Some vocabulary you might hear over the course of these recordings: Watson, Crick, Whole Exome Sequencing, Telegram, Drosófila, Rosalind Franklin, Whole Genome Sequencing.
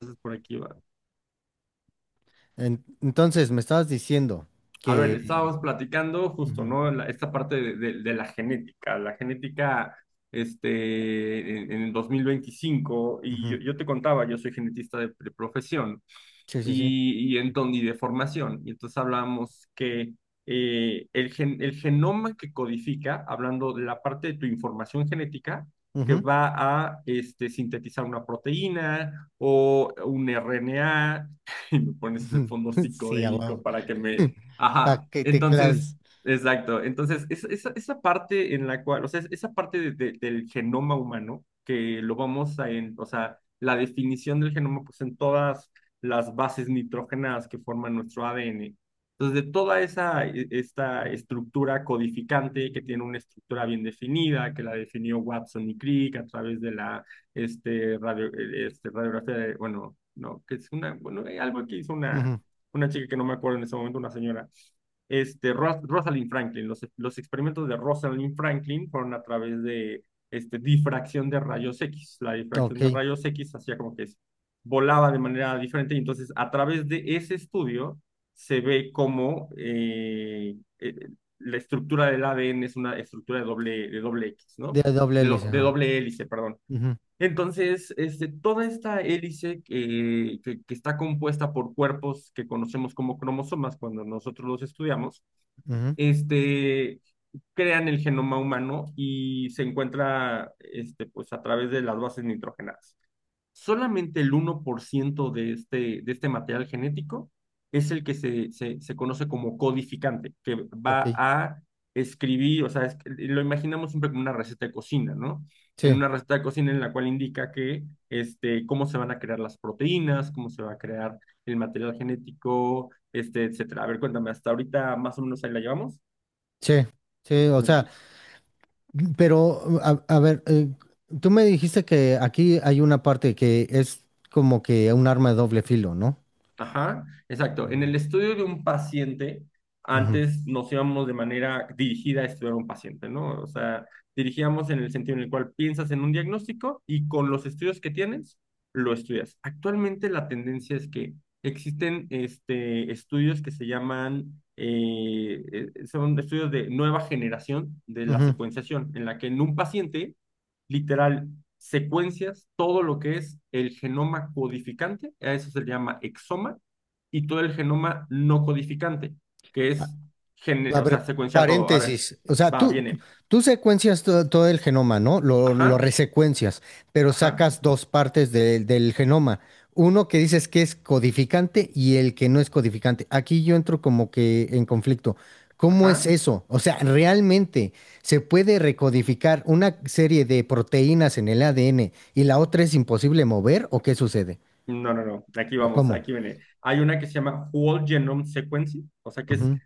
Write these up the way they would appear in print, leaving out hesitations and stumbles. Entonces por aquí va. Entonces, me estabas diciendo A ver, que... estábamos platicando justo, Ujú, ¿no? Esta parte de la genética en el 2025 y ujú. yo te contaba, yo soy genetista de profesión Sí, sí, sí. y, y de formación, y entonces hablamos que el, el genoma que codifica, hablando de la parte de tu información genética, que Ujú. va a sintetizar una proteína o un RNA, y me pones de fondo Sí, a psicodélico huevo. para que me Pa' Ajá, que te entonces, claves. exacto. Entonces, esa parte en la cual, o sea, esa parte del genoma humano, que lo vamos a, en, o sea, la definición del genoma, pues en todas las bases nitrógenas que forman nuestro ADN. Entonces, de toda esa, esta estructura codificante que tiene una estructura bien definida, que la definió Watson y Crick a través de la radiografía de, bueno, no, que es una, bueno, algo que hizo Ujú. una chica que no me acuerdo en ese momento, una señora Rosalind Franklin. Los experimentos de Rosalind Franklin fueron a través de difracción de rayos X. La difracción de Ok. rayos X hacía como que es, volaba de manera diferente y entonces a través de ese estudio se ve cómo la estructura del ADN es una estructura de doble X, ¿no? De doble De, hélice, de ajá. doble hélice, perdón. Ujú, Entonces, toda esta hélice está compuesta por cuerpos que conocemos como cromosomas cuando nosotros los estudiamos, ujú. este, crean el genoma humano y se encuentra pues, a través de las bases nitrogenadas. Solamente el uno por ciento de este material genético es el que se conoce como codificante, que va Ok. a escribir, o sea, lo imaginamos siempre como una receta de cocina, ¿no? En Sí, una receta de cocina en la cual indica que, cómo se van a crear las proteínas, cómo se va a crear el material genético, etcétera. A ver, cuéntame, hasta ahorita más o menos ahí la llevamos. sí, sí. O sea, pero a ver, tú me dijiste que aquí hay una parte que es como que un arma de doble filo, ¿no? Ajá, exacto. En el Mm. estudio de un paciente, Ujú, antes nos íbamos de manera dirigida a estudiar a un paciente, ¿no? O sea, dirigíamos en el sentido en el cual piensas en un diagnóstico y con los estudios que tienes, lo estudias. Actualmente la tendencia es que existen estudios que se llaman, son estudios de nueva generación de la ujú. secuenciación, en la que en un paciente, literal, secuencias todo lo que es el genoma codificante, a eso se le llama exoma, y todo el genoma no codificante, que es, A o sea, ver, secuenciar todo. A ver, paréntesis. O sea, va, tú, tú viene. tú secuencias todo el genoma, ¿no? Lo Ajá, resecuencias, pero ajá, sacas dos partes del genoma. Uno que dices que es codificante y el que no es codificante. Aquí yo entro como que en conflicto. ¿Cómo es ajá. eso? O sea, ¿realmente se puede recodificar una serie de proteínas en el ADN y la otra es imposible mover? ¿O qué sucede? No, aquí ¿O vamos, cómo? aquí viene. Hay una que se llama Whole Genome Sequencing, o sea, que es Ujú,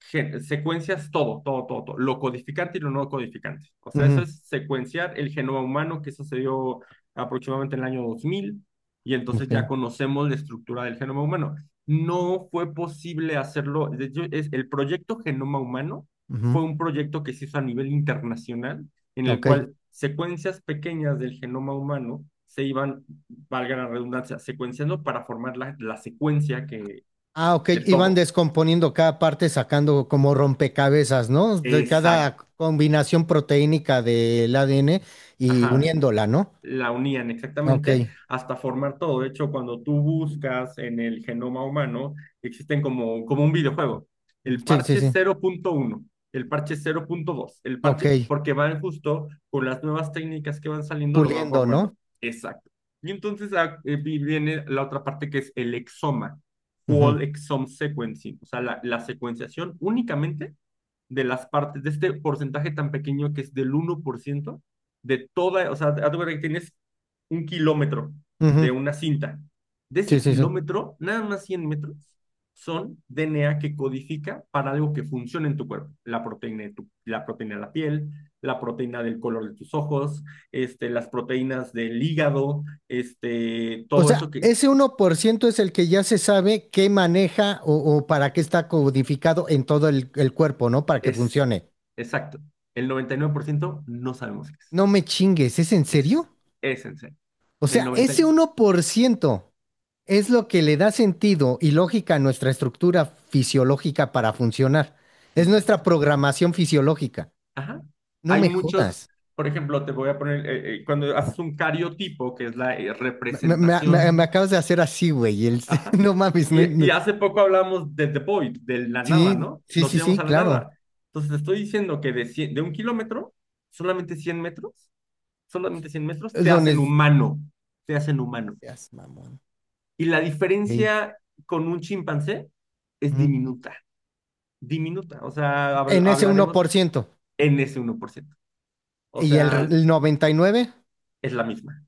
secuencias todo, lo codificante y lo no codificante. O sea, eso ujú, es secuenciar el genoma humano que sucedió aproximadamente en el año 2000 y entonces ok, ya conocemos la estructura del genoma humano. No fue posible hacerlo, de hecho, es, el proyecto Genoma Humano ujú, fue un proyecto que se hizo a nivel internacional en el ok. cual secuencias pequeñas del genoma humano se iban, valga la redundancia, secuenciando para formar la secuencia que, Ah, ok, de iban todo. descomponiendo cada parte, sacando como rompecabezas, ¿no? De Exacto. cada combinación proteínica del ADN y Ajá, uniéndola, ¿no? la unían Ok, exactamente hasta formar todo. De hecho, cuando tú buscas en el genoma humano, existen como, como un videojuego. El sí, sí, parche sí. 0.1, el parche 0.2, el Ok, parche, porque van justo con las nuevas técnicas que van saliendo, lo van puliendo, ¿no? formando. Exacto. Y entonces viene la otra parte que es el exoma, Ujú, whole exome sequencing, o sea, la secuenciación únicamente de las partes, de este porcentaje tan pequeño que es del uno por ciento de toda, o sea, haz de cuenta que tienes un kilómetro ujú. de una cinta. De Sí, ese sí, sí. kilómetro, nada más 100 metros son DNA que codifica para algo que funcione en tu cuerpo. La proteína de la proteína de la piel, la proteína del color de tus ojos, las proteínas del hígado, O todo sea, eso que ese 1% es el que ya se sabe qué maneja o para qué está codificado en todo el cuerpo, ¿no? Para que es funcione. exacto. El 99% no sabemos qué es. No me chingues, ¿es en serio? Es, es en serio. O El sea, 90, ese uno por ciento. Es lo que le da sentido y lógica a nuestra estructura fisiológica para funcionar. Es nuestra exacto. programación fisiológica. Ajá. No Hay me muchos, jodas. por ejemplo, te voy a poner, cuando haces un cariotipo, que es la Me representación, acabas de hacer así, güey. Ajá. No mames. No. Y hace poco hablamos de The Void, de la nada, Sí, ¿no? sí, Nos sí, íbamos sí, a la claro. nada. Entonces te estoy diciendo que de un kilómetro, solamente 100 metros, solamente 100 metros, te Lo hacen nes- humano, te hacen humano. Seas mamón. Y la Ey. diferencia con un chimpancé es Ujú. diminuta, diminuta. O sea, En ese hablaremos 1%. en ese uno por ciento. O Y el, sea, el 99% es la misma.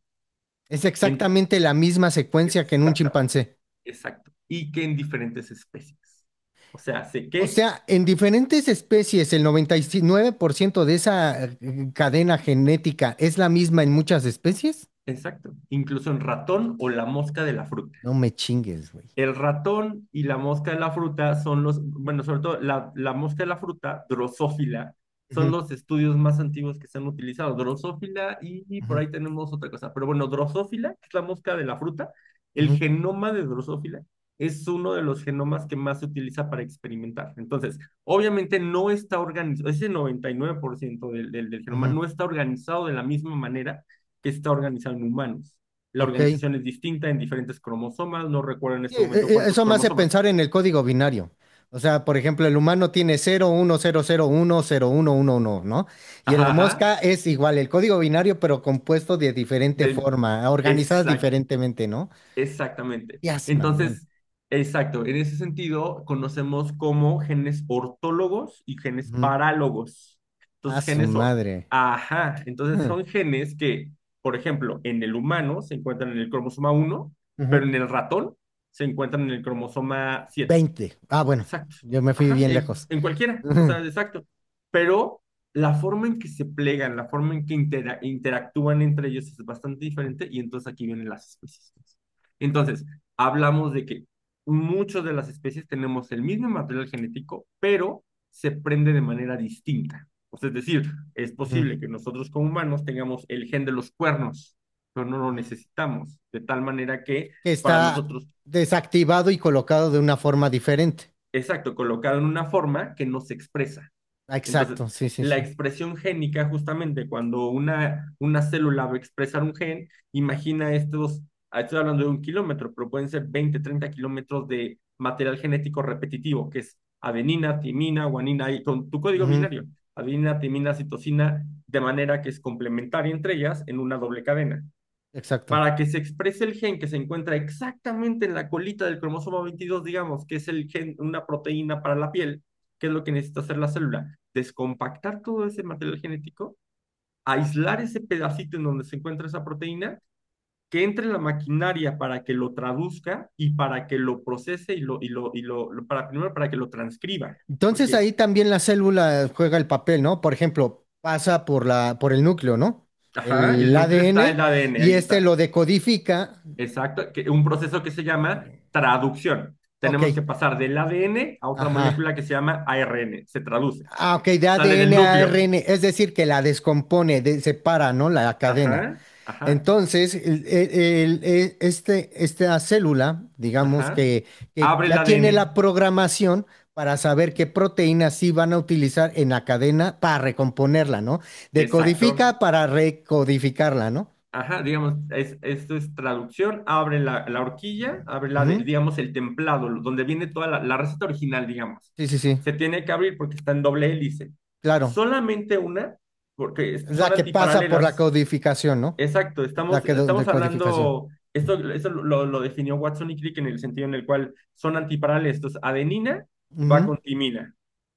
es En, exactamente la misma secuencia que en un exactamente, chimpancé. exacto. Y que en diferentes especies. O sea, sé O que, sea, en diferentes especies, el 99% de esa cadena genética es la misma en muchas especies. exacto, incluso en ratón o la mosca de la fruta. No me chingues, güey. El ratón y la mosca de la fruta son los, bueno, sobre todo la mosca de la fruta, Drosófila, son Ujú, los estudios más antiguos que se han utilizado. Drosófila y por ujú, ahí tenemos otra cosa. Pero bueno, Drosófila, que es la mosca de la fruta, el ujú, genoma de Drosófila es uno de los genomas que más se utiliza para experimentar. Entonces, obviamente no está organizado, ese 99% del genoma ujú. no está organizado de la misma manera que está organizado en humanos. La Ok. organización es distinta en diferentes cromosomas, no recuerdo en Sí, este e- momento cuántos Eso me hace cromosomas. pensar en el código binario. O sea, por ejemplo, el humano tiene cero uno cero cero uno cero uno uno uno, ¿no? Y en la Ajá, ajá, mosca es igual el código binario, pero compuesto de diferente de, forma, organizadas exact, diferentemente, ¿no? exactamente. Ya mamón. Entonces, exacto, en ese sentido conocemos como genes ortólogos y genes Ujú. parálogos. A Entonces, su madre. Entonces son genes que, por ejemplo, en el humano se encuentran en el cromosoma uno, pero Ujú. en el ratón se encuentran en el cromosoma 7. Veinte. Ah, bueno, Exacto. yo me fui Ajá, bien lejos. en cualquiera, o Ujú, sea, exacto. Pero la forma en que se plegan, la forma en que interactúan entre ellos es bastante diferente y entonces aquí vienen las especies. Entonces, hablamos de que muchas de las especies tenemos el mismo material genético, pero se prende de manera distinta. O sea, es decir, es ujú, posible que nosotros como humanos tengamos el gen de los cuernos, pero no lo ujú. necesitamos, de tal manera que Que para está nosotros, desactivado y colocado de una forma diferente. exacto, colocado en una forma que no se expresa. Ah, Entonces, exacto, sí, sí, la sí. expresión génica, justamente cuando una célula va a expresar un gen, imagina estos, estoy hablando de un kilómetro, pero pueden ser 20, 30 kilómetros de material genético repetitivo, que es adenina, timina, guanina, y con tu código Ujú, binario, adenina, timina, citosina, de manera que es complementaria entre ellas en una doble cadena exacto. para que se exprese el gen que se encuentra exactamente en la colita del cromosoma 22, digamos, que es el gen, una proteína para la piel, que es lo que necesita hacer la célula, descompactar todo ese material genético, aislar ese pedacito en donde se encuentra esa proteína, que entre en la maquinaria para que lo traduzca y para que lo procese primero para que lo transcriba, Entonces porque, ahí también la célula juega el papel, ¿no? Por ejemplo, pasa por la, por el núcleo, ¿no? ajá, El el núcleo está en ADN el ADN, y ahí este está. lo decodifica. Exacto, que un proceso que se llama traducción. Ok, Tenemos que pasar del ADN a otra ajá. molécula que se llama ARN, se traduce. Ah, ok, de Sale del ADN a núcleo. ARN, es decir, que la descompone, separa, ¿no? La cadena. Ajá, ajá, Entonces, este, esta célula, digamos ajá. Que Abre el ya tiene ADN. la programación para saber qué proteínas sí van a utilizar en la cadena para recomponerla, ¿no? Exacto. Decodifica para recodificarla, ¿no? Ajá, digamos, esto es traducción, abre la, la horquilla, abre la, Ujú. digamos, el templado, donde viene toda la receta original, digamos. Sí, sí, sí, Se tiene que abrir porque está en doble hélice. claro. Solamente una, porque Es son la que pasa por la antiparalelas. codificación, ¿no? Exacto, La estamos, que estamos decodificación. hablando, lo definió Watson y Crick en el sentido en el cual son antiparalelos. Entonces, adenina va Ujú. con timina,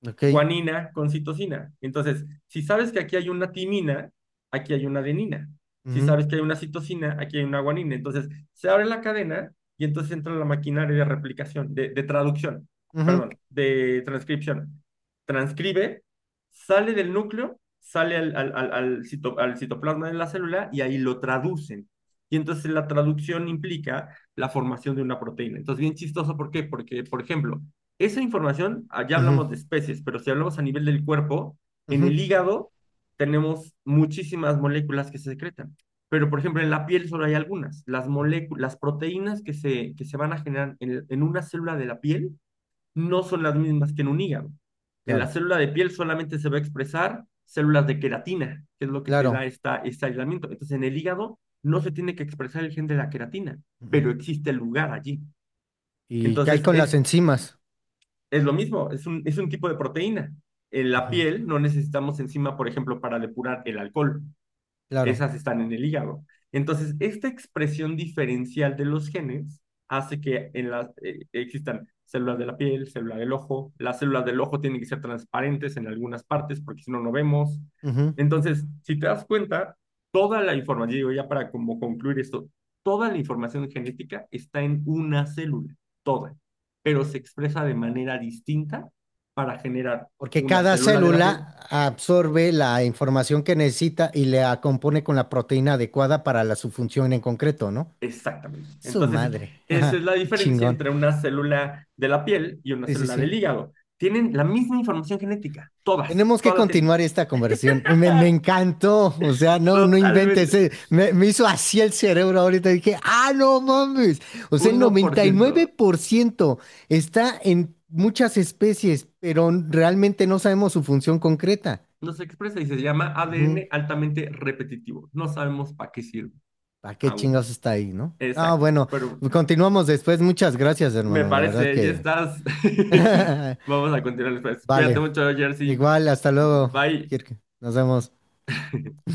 Ok. guanina con citosina. Entonces, si sabes que aquí hay una timina, aquí hay una adenina. Si Ujú. sabes que hay una citosina, aquí hay una guanina. Entonces, se abre la cadena y entonces entra la maquinaria de replicación, de traducción, Ujú. perdón, de transcripción. Transcribe, sale del núcleo, sale al al citoplasma de la célula y ahí lo traducen. Y entonces la traducción implica la formación de una proteína. Entonces, bien chistoso, ¿por qué? Porque, por ejemplo, esa información, ah, ya Ujú. hablamos de especies, pero si hablamos a nivel del cuerpo, en Ujú. el hígado tenemos muchísimas moléculas que se secretan. Pero, por ejemplo, en la piel solo hay algunas. Las moléculas, las proteínas que que se van a generar en una célula de la piel no son las mismas que en un hígado. En la Claro, célula de piel solamente se va a expresar células de queratina, que es lo que te claro. da esta, este aislamiento. Entonces, en el hígado no se tiene que expresar el gen de la queratina, Ujú. pero existe el lugar allí. ¿Y qué hay Entonces, con las enzimas? es lo mismo, es un tipo de proteína. En la Ujú. piel no necesitamos enzima, por ejemplo, para depurar el alcohol, Claro. esas están en el hígado. Entonces, esta expresión diferencial de los genes hace que en la, existan células de la piel, células del ojo. Las células del ojo tienen que ser transparentes en algunas partes porque si no, no vemos. Ujú. Entonces, si te das cuenta, toda la información, digo ya para como concluir esto, toda la información genética está en una célula, toda, pero se expresa de manera distinta para generar Porque una cada célula de la piel. célula absorbe la información que necesita y la compone con la proteína adecuada para la, su función en concreto, ¿no? Exactamente. Su Entonces, madre. esa es Ajá, la qué diferencia chingón. entre una célula de la piel y una Sí, sí, célula sí. del hígado. Tienen la misma información genética, todas, Tenemos que todas la tienen. continuar esta conversión. Me encantó. O sea, no, no inventes. Totalmente. Eh. Me hizo así el cerebro ahorita. Dije, ah, no mames. O sea, el noventa y nueve 1%. por ciento está en muchas especies, pero realmente no sabemos su función concreta. No se expresa y se llama ADN altamente repetitivo. No sabemos para qué sirve ¿Para qué chingados aún. está ahí, no? No, Exacto. bueno, Pero continuamos después. Muchas gracias, me hermano. La verdad parece, ya que... estás. Vamos a continuar después. Cuídate Vale, mucho, Jersey. igual, hasta luego, Bye. Kirk. Nos vemos.